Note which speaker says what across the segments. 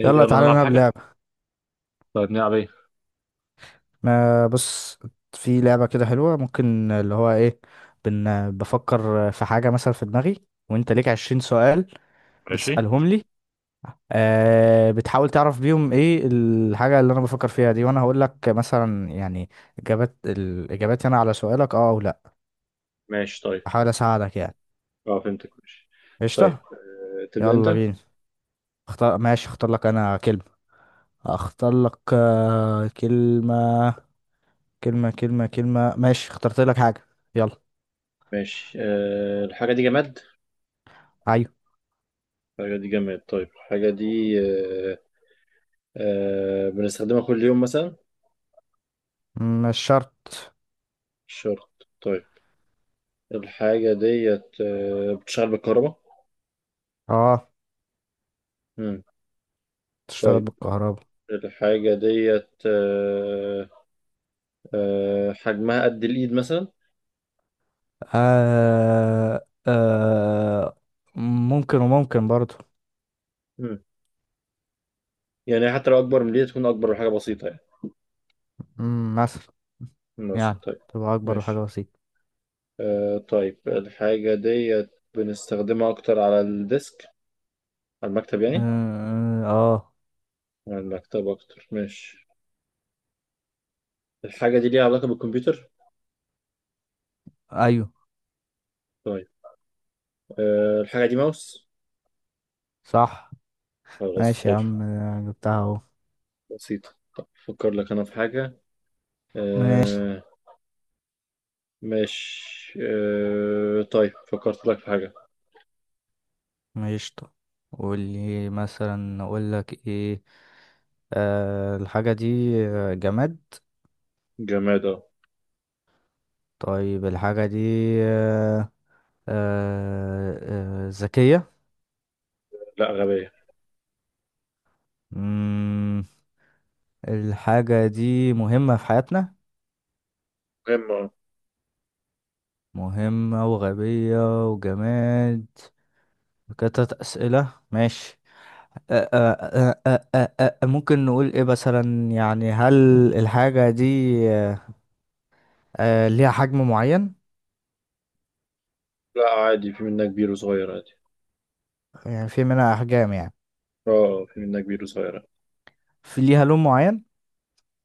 Speaker 1: إيه،
Speaker 2: يلا
Speaker 1: يلا
Speaker 2: تعالى
Speaker 1: نلعب
Speaker 2: نلعب
Speaker 1: حاجة.
Speaker 2: لعبة.
Speaker 1: طيب، نلعب ايه؟
Speaker 2: ما بص، في لعبة كده حلوة، ممكن اللي هو ايه. بفكر في حاجة مثلا في دماغي، وانت ليك 20 سؤال
Speaker 1: ماشي.
Speaker 2: بتسألهم لي. آه، بتحاول تعرف بيهم ايه الحاجة اللي انا بفكر فيها دي، وانا هقول لك مثلا يعني الاجابات هنا على سؤالك، اه او لا.
Speaker 1: ماشي طيب.
Speaker 2: احاول اساعدك يعني.
Speaker 1: اه، فهمتك. ماشي. طيب،
Speaker 2: قشطة.
Speaker 1: تبدأ انت.
Speaker 2: يلا بينا. اختار، ماشي، اختار لك انا كلمة. اختار لك كلمة. كلمة كلمة كلمة ماشي، اخترت لك حاجة. يلا.
Speaker 1: ماشي. الحاجة دي جماد؟
Speaker 2: أيوة.
Speaker 1: الحاجة دي جماد. طيب، الحاجة دي أه أه بنستخدمها كل يوم مثلا؟
Speaker 2: مش شرط.
Speaker 1: مش شرط. طيب، الحاجة ديت بتشتغل بالكهرباء؟
Speaker 2: اه،
Speaker 1: مم.
Speaker 2: تشتغل
Speaker 1: طيب،
Speaker 2: بالكهرباء.
Speaker 1: الحاجة ديت أه أه حجمها قد الإيد مثلا؟
Speaker 2: آه آه، ممكن، وممكن برضو.
Speaker 1: مم. يعني حتى لو أكبر من الإيد، تكون أكبر من حاجة بسيطة يعني.
Speaker 2: مثلا
Speaker 1: مثلا.
Speaker 2: يعني
Speaker 1: طيب،
Speaker 2: تبقى أكبر
Speaker 1: ماشي.
Speaker 2: حاجة بسيطة.
Speaker 1: طيب، الحاجة ديت بنستخدمها أكتر على الديسك، على المكتب يعني.
Speaker 2: آه, آه.
Speaker 1: على المكتب أكتر. ماشي. الحاجة دي ليها علاقة بالكمبيوتر؟
Speaker 2: أيوه
Speaker 1: طيب. الحاجة دي ماوس؟
Speaker 2: صح.
Speaker 1: خلاص،
Speaker 2: ماشي يا
Speaker 1: حلو.
Speaker 2: عم، أنا جبتها أهو.
Speaker 1: بسيطة. أفكر لك أنا في حاجة.
Speaker 2: ماشي
Speaker 1: آه، ماشي. طيب، فكرت لك في حاجة.
Speaker 2: ماشي، طب قول لي مثلا أقول لك إيه. الحاجة دي جماد.
Speaker 1: جماد أهو.
Speaker 2: طيب الحاجة دي، آه آه، ذكية.
Speaker 1: لا، غبية.
Speaker 2: مم، الحاجة دي مهمة في حياتنا،
Speaker 1: مهمة أهو.
Speaker 2: مهمة وغبية وجماد. كتت أسئلة ماشي. ممكن نقول ايه مثلا، يعني هل الحاجة دي آه، ليها حجم معين؟
Speaker 1: لا، عادي، في منها كبير وصغير عادي.
Speaker 2: يعني في منها أحجام يعني.
Speaker 1: اه، آه، في منها كبير وصغير.
Speaker 2: في ليها لون معين؟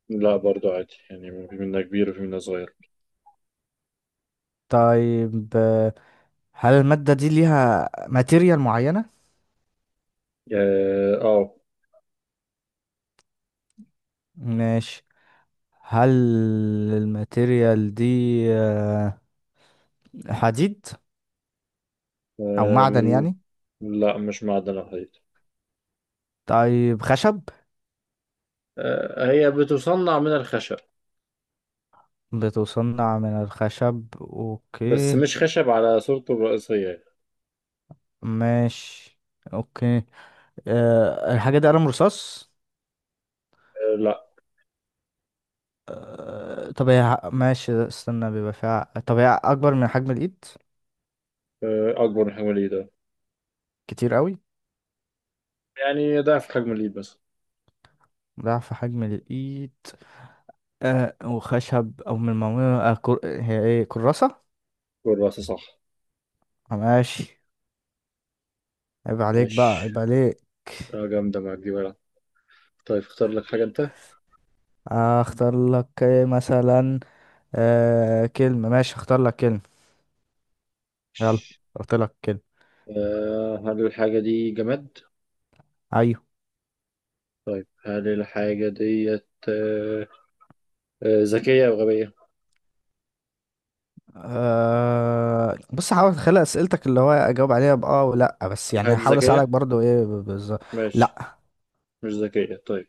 Speaker 1: لا، برضو عادي يعني، في منها كبير وفي منها صغير.
Speaker 2: طيب، هل المادة دي ليها ماتيريال معينة؟
Speaker 1: اه، آه.
Speaker 2: ماشي. هل الماتيريال دي آه، حديد أو معدن
Speaker 1: آه،
Speaker 2: يعني؟
Speaker 1: لا، مش معدن الحديد.
Speaker 2: طيب خشب.
Speaker 1: آه، هي بتصنع من الخشب.
Speaker 2: بتصنع من الخشب،
Speaker 1: بس
Speaker 2: اوكي.
Speaker 1: مش خشب على صورته الرئيسية.
Speaker 2: ماشي اوكي. أه، الحاجة دي قلم رصاص.
Speaker 1: آه، لا.
Speaker 2: أه طب هي ماشي، استنى بيبقى فيها، طب هي اكبر من حجم الايد؟
Speaker 1: آه، أكبر من حجم الإيد. آه.
Speaker 2: كتير قوي.
Speaker 1: يعني ضعف حجم الإيد بس.
Speaker 2: ضعف حجم الايد. أه، وخشب او من المعمولة هي ايه، كراسة.
Speaker 1: والرأس صح.
Speaker 2: ماشي. عيب عليك بقى،
Speaker 1: ماشي.
Speaker 2: عيب عليك.
Speaker 1: جامدة معاك دي بقى. طيب، اختار لك حاجة أنت.
Speaker 2: اختار لك إيه مثلا. أه كلمة، ماشي اختار لك كلمة. يلا.
Speaker 1: ماشي.
Speaker 2: اختار لك كلمة.
Speaker 1: هل الحاجة دي جماد؟
Speaker 2: أيوة.
Speaker 1: هل الحاجة ديت ذكية أو غبية؟
Speaker 2: أه بص، هحاول اتخيل اسئلتك اللي هو اجاوب عليها باه ولا بس،
Speaker 1: هل الحاجة
Speaker 2: يعني
Speaker 1: دي
Speaker 2: هحاول اساعدك
Speaker 1: ذكية؟
Speaker 2: برضو ايه بالظبط.
Speaker 1: ماشي.
Speaker 2: لا.
Speaker 1: مش ذكية. طيب.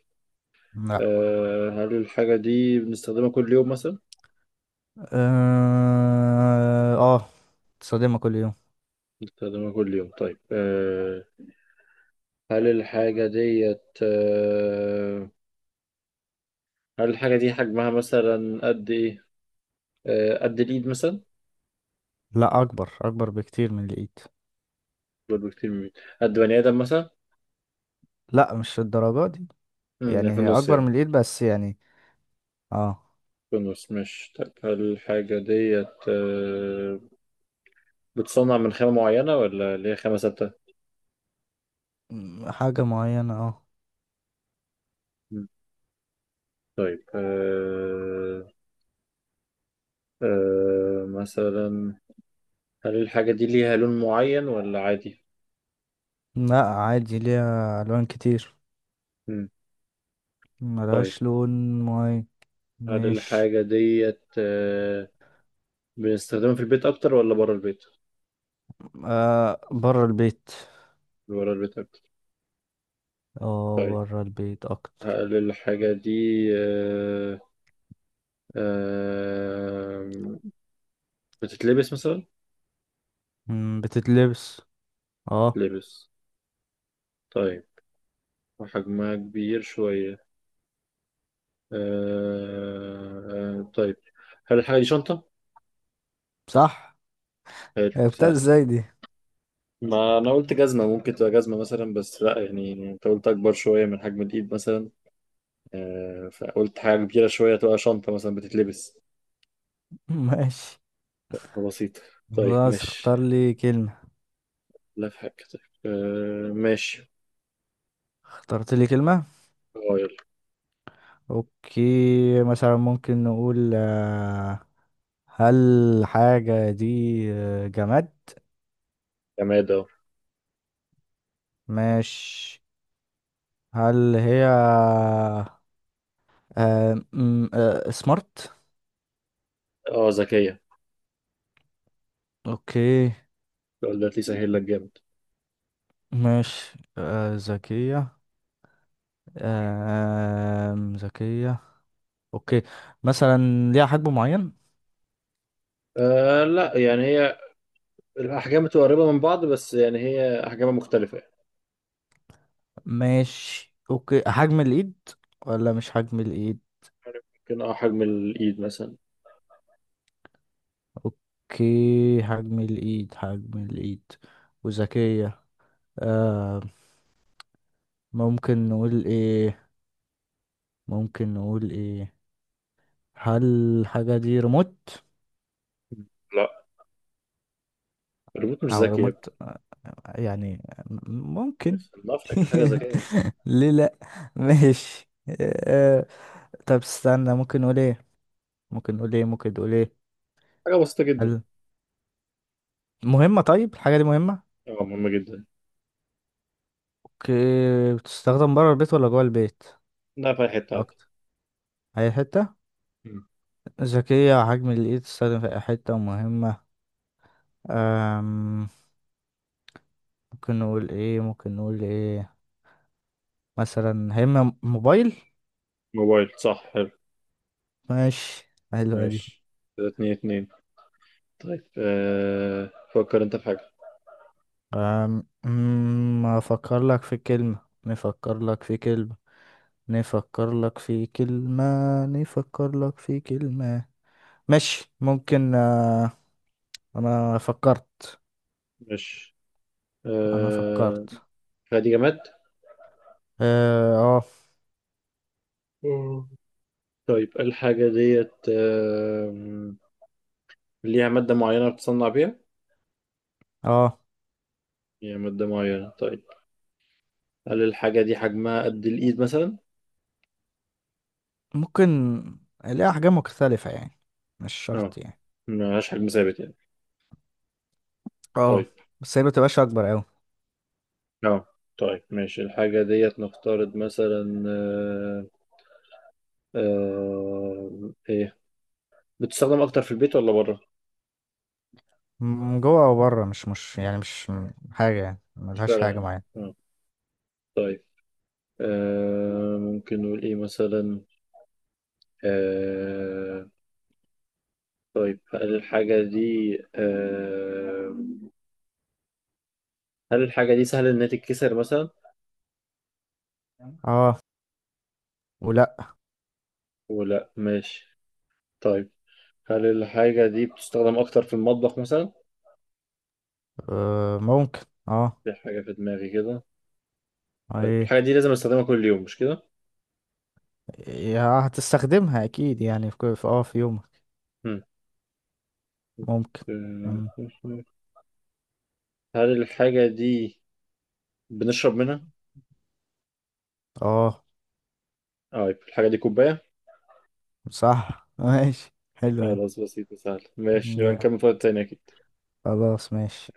Speaker 2: لا.
Speaker 1: هل الحاجة دي بنستخدمها كل يوم مثلا؟
Speaker 2: اه، تصادمها كل يوم.
Speaker 1: بستخدمها كل يوم. طيب. هل الحاجة ديت هل الحاجة دي حجمها مثلا قد إيه؟ قد الإيد مثلا؟
Speaker 2: لا اكبر اكبر بكتير من الايد.
Speaker 1: برضه كتير من الإيد. قد بني آدم مثلا؟
Speaker 2: لا مش الدرجات دي.
Speaker 1: مم، يعني
Speaker 2: يعني
Speaker 1: في
Speaker 2: هي
Speaker 1: النص
Speaker 2: اكبر من
Speaker 1: يعني.
Speaker 2: الايد بس يعني. اه.
Speaker 1: في النص مش. طيب، هل الحاجة ديت بتصنع من خامة معينة ولا اللي هي خامة ثابتة؟
Speaker 2: حاجة معينة اه.
Speaker 1: مم، طيب. أه أه مثلا. هل الحاجة دي ليها لون معين ولا عادي؟
Speaker 2: لا عادي، ليها الوان كتير.
Speaker 1: مم،
Speaker 2: ملهاش
Speaker 1: طيب.
Speaker 2: لون معين.
Speaker 1: هل
Speaker 2: ماشي.
Speaker 1: الحاجة ديت بنستخدمها في البيت أكتر ولا بره البيت؟
Speaker 2: آه، بره البيت.
Speaker 1: بره البيت أكتر.
Speaker 2: اه،
Speaker 1: طيب.
Speaker 2: بره البيت اكتر.
Speaker 1: هل الحاجة دي آه، بتتلبس مثلا؟
Speaker 2: بتتلبس. اه.
Speaker 1: لبس. طيب. وحجمها كبير شوية. آه، آه، طيب. هل الحاجة دي شنطة؟
Speaker 2: صح.
Speaker 1: حلو،
Speaker 2: عرفتها
Speaker 1: سهل.
Speaker 2: ازاي دي؟
Speaker 1: ما أنا قلت جزمة، ممكن تبقى جزمة مثلا، بس لأ، يعني أنت قلت أكبر شوية من حجم الإيد مثلا. آه، فقلت حاجة كبيرة شوية تبقى شنطة مثلا بتتلبس.
Speaker 2: ماشي.
Speaker 1: بسيطة. طيب،
Speaker 2: خلاص،
Speaker 1: ماشي.
Speaker 2: اختار لي كلمة.
Speaker 1: لا، في حاجة. طيب. آه، ماشي.
Speaker 2: اخترت لي كلمة.
Speaker 1: اه، يلا.
Speaker 2: اوكي. مثلا ممكن نقول هل حاجة دي جماد.
Speaker 1: جماد اهو.
Speaker 2: ماشي. هل هي سمارت.
Speaker 1: اه، ذكية.
Speaker 2: اوكي.
Speaker 1: السؤال ده هيسهل لك جامد.
Speaker 2: ماشي، ذكية. ذكية. اوكي. مثلا ليها حجم معين.
Speaker 1: لا، يعني هي الأحجام بتبقى قريبة من بعض، بس يعني هي أحجامها مختلفة يعني.
Speaker 2: ماشي اوكي، حجم الايد ولا مش حجم الايد.
Speaker 1: عارف، ممكن حجم الإيد مثلا.
Speaker 2: اوكي، حجم الايد حجم الايد، وذكية. آه. ممكن نقول ايه، ممكن نقول ايه. هل الحاجة دي ريموت؟
Speaker 1: لا، الريموت مش
Speaker 2: او
Speaker 1: ذكي يا ابني.
Speaker 2: ريموت يعني، ممكن.
Speaker 1: ما شكل حاجة ذكية يعني.
Speaker 2: ليه لا. ماشي. آه طب استنى، ممكن نقول ايه، ممكن نقول ايه، ممكن نقول ايه.
Speaker 1: حاجة بسيطة جدا.
Speaker 2: هل مهمة، طيب الحاجة دي مهمة.
Speaker 1: اه، مهمة جدا.
Speaker 2: اوكي، بتستخدم بره البيت ولا جوه البيت
Speaker 1: لا، في أي حتة عادي.
Speaker 2: اكتر. اي حته.
Speaker 1: مم.
Speaker 2: ذكيه حجم الايد، تستخدم في اي حته، مهمه. أم... ممكن نقول ايه، ممكن نقول ايه. مثلا هيما، موبايل.
Speaker 1: موبايل، صح، حلو.
Speaker 2: ماشي حلوه دي.
Speaker 1: ماشي. كده، 2-2. طيب، فكر انت في حاجة.
Speaker 2: أم... أم، افكر لك في كلمه، نفكر لك في كلمه، نفكر لك في كلمه، نفكر لك في كلمه. ماشي ممكن انا فكرت.
Speaker 1: ماشي.
Speaker 2: انا
Speaker 1: آه
Speaker 2: فكرت.
Speaker 1: الحاجة دي
Speaker 2: اه.
Speaker 1: جماد. طيب، الحاجة ديت ليها مادة معينة بتصنع بيها؟
Speaker 2: اه آه.
Speaker 1: ليها مادة معينة. طيب. هل الحاجة دي حجمها قد الإيد مثلا؟
Speaker 2: ممكن الاقي احجام مختلفة يعني، مش
Speaker 1: اه.
Speaker 2: شرط يعني.
Speaker 1: ملهاش حجم ثابت يعني.
Speaker 2: اه.
Speaker 1: طيب.
Speaker 2: بس هي متبقاش اكبر اوي.
Speaker 1: اه. طيب، ماشي. الحاجة ديت نفترض مثلا ايه بتستخدم أكتر في البيت ولا بره؟
Speaker 2: من جوه او بره، مش يعني مش حاجة، يعني
Speaker 1: مش
Speaker 2: ملهاش
Speaker 1: فارقة
Speaker 2: حاجة
Speaker 1: يعني.
Speaker 2: معينة.
Speaker 1: اه. طيب. ممكن نقول ايه مثلا. آه، طيب، هل الحاجة دي آه، هل الحاجة دي سهل إنها تتكسر مثلا؟
Speaker 2: اه. ولا.
Speaker 1: ولا ماشي. طيب. هل الحاجة دي بتستخدم أكتر في المطبخ مثلا؟
Speaker 2: آه ممكن. اه.
Speaker 1: في حاجة في دماغي كده. طيب، الحاجة
Speaker 2: ايه.
Speaker 1: دي لازم أستخدمها كل يوم مش كده؟
Speaker 2: يا هتستخدمها اكيد يعني في اه في يومك.
Speaker 1: مم.
Speaker 2: ممكن. مم.
Speaker 1: هل الحاجة دي بنشرب منها؟
Speaker 2: اه.
Speaker 1: طيب، الحاجة دي كوباية؟
Speaker 2: صح. ماشي حلو ده.
Speaker 1: خلاص، بسيطة، سهلة. ماشي، نبقى
Speaker 2: يا،
Speaker 1: نكمل في وقت تاني أكيد.
Speaker 2: خلاص ماشي.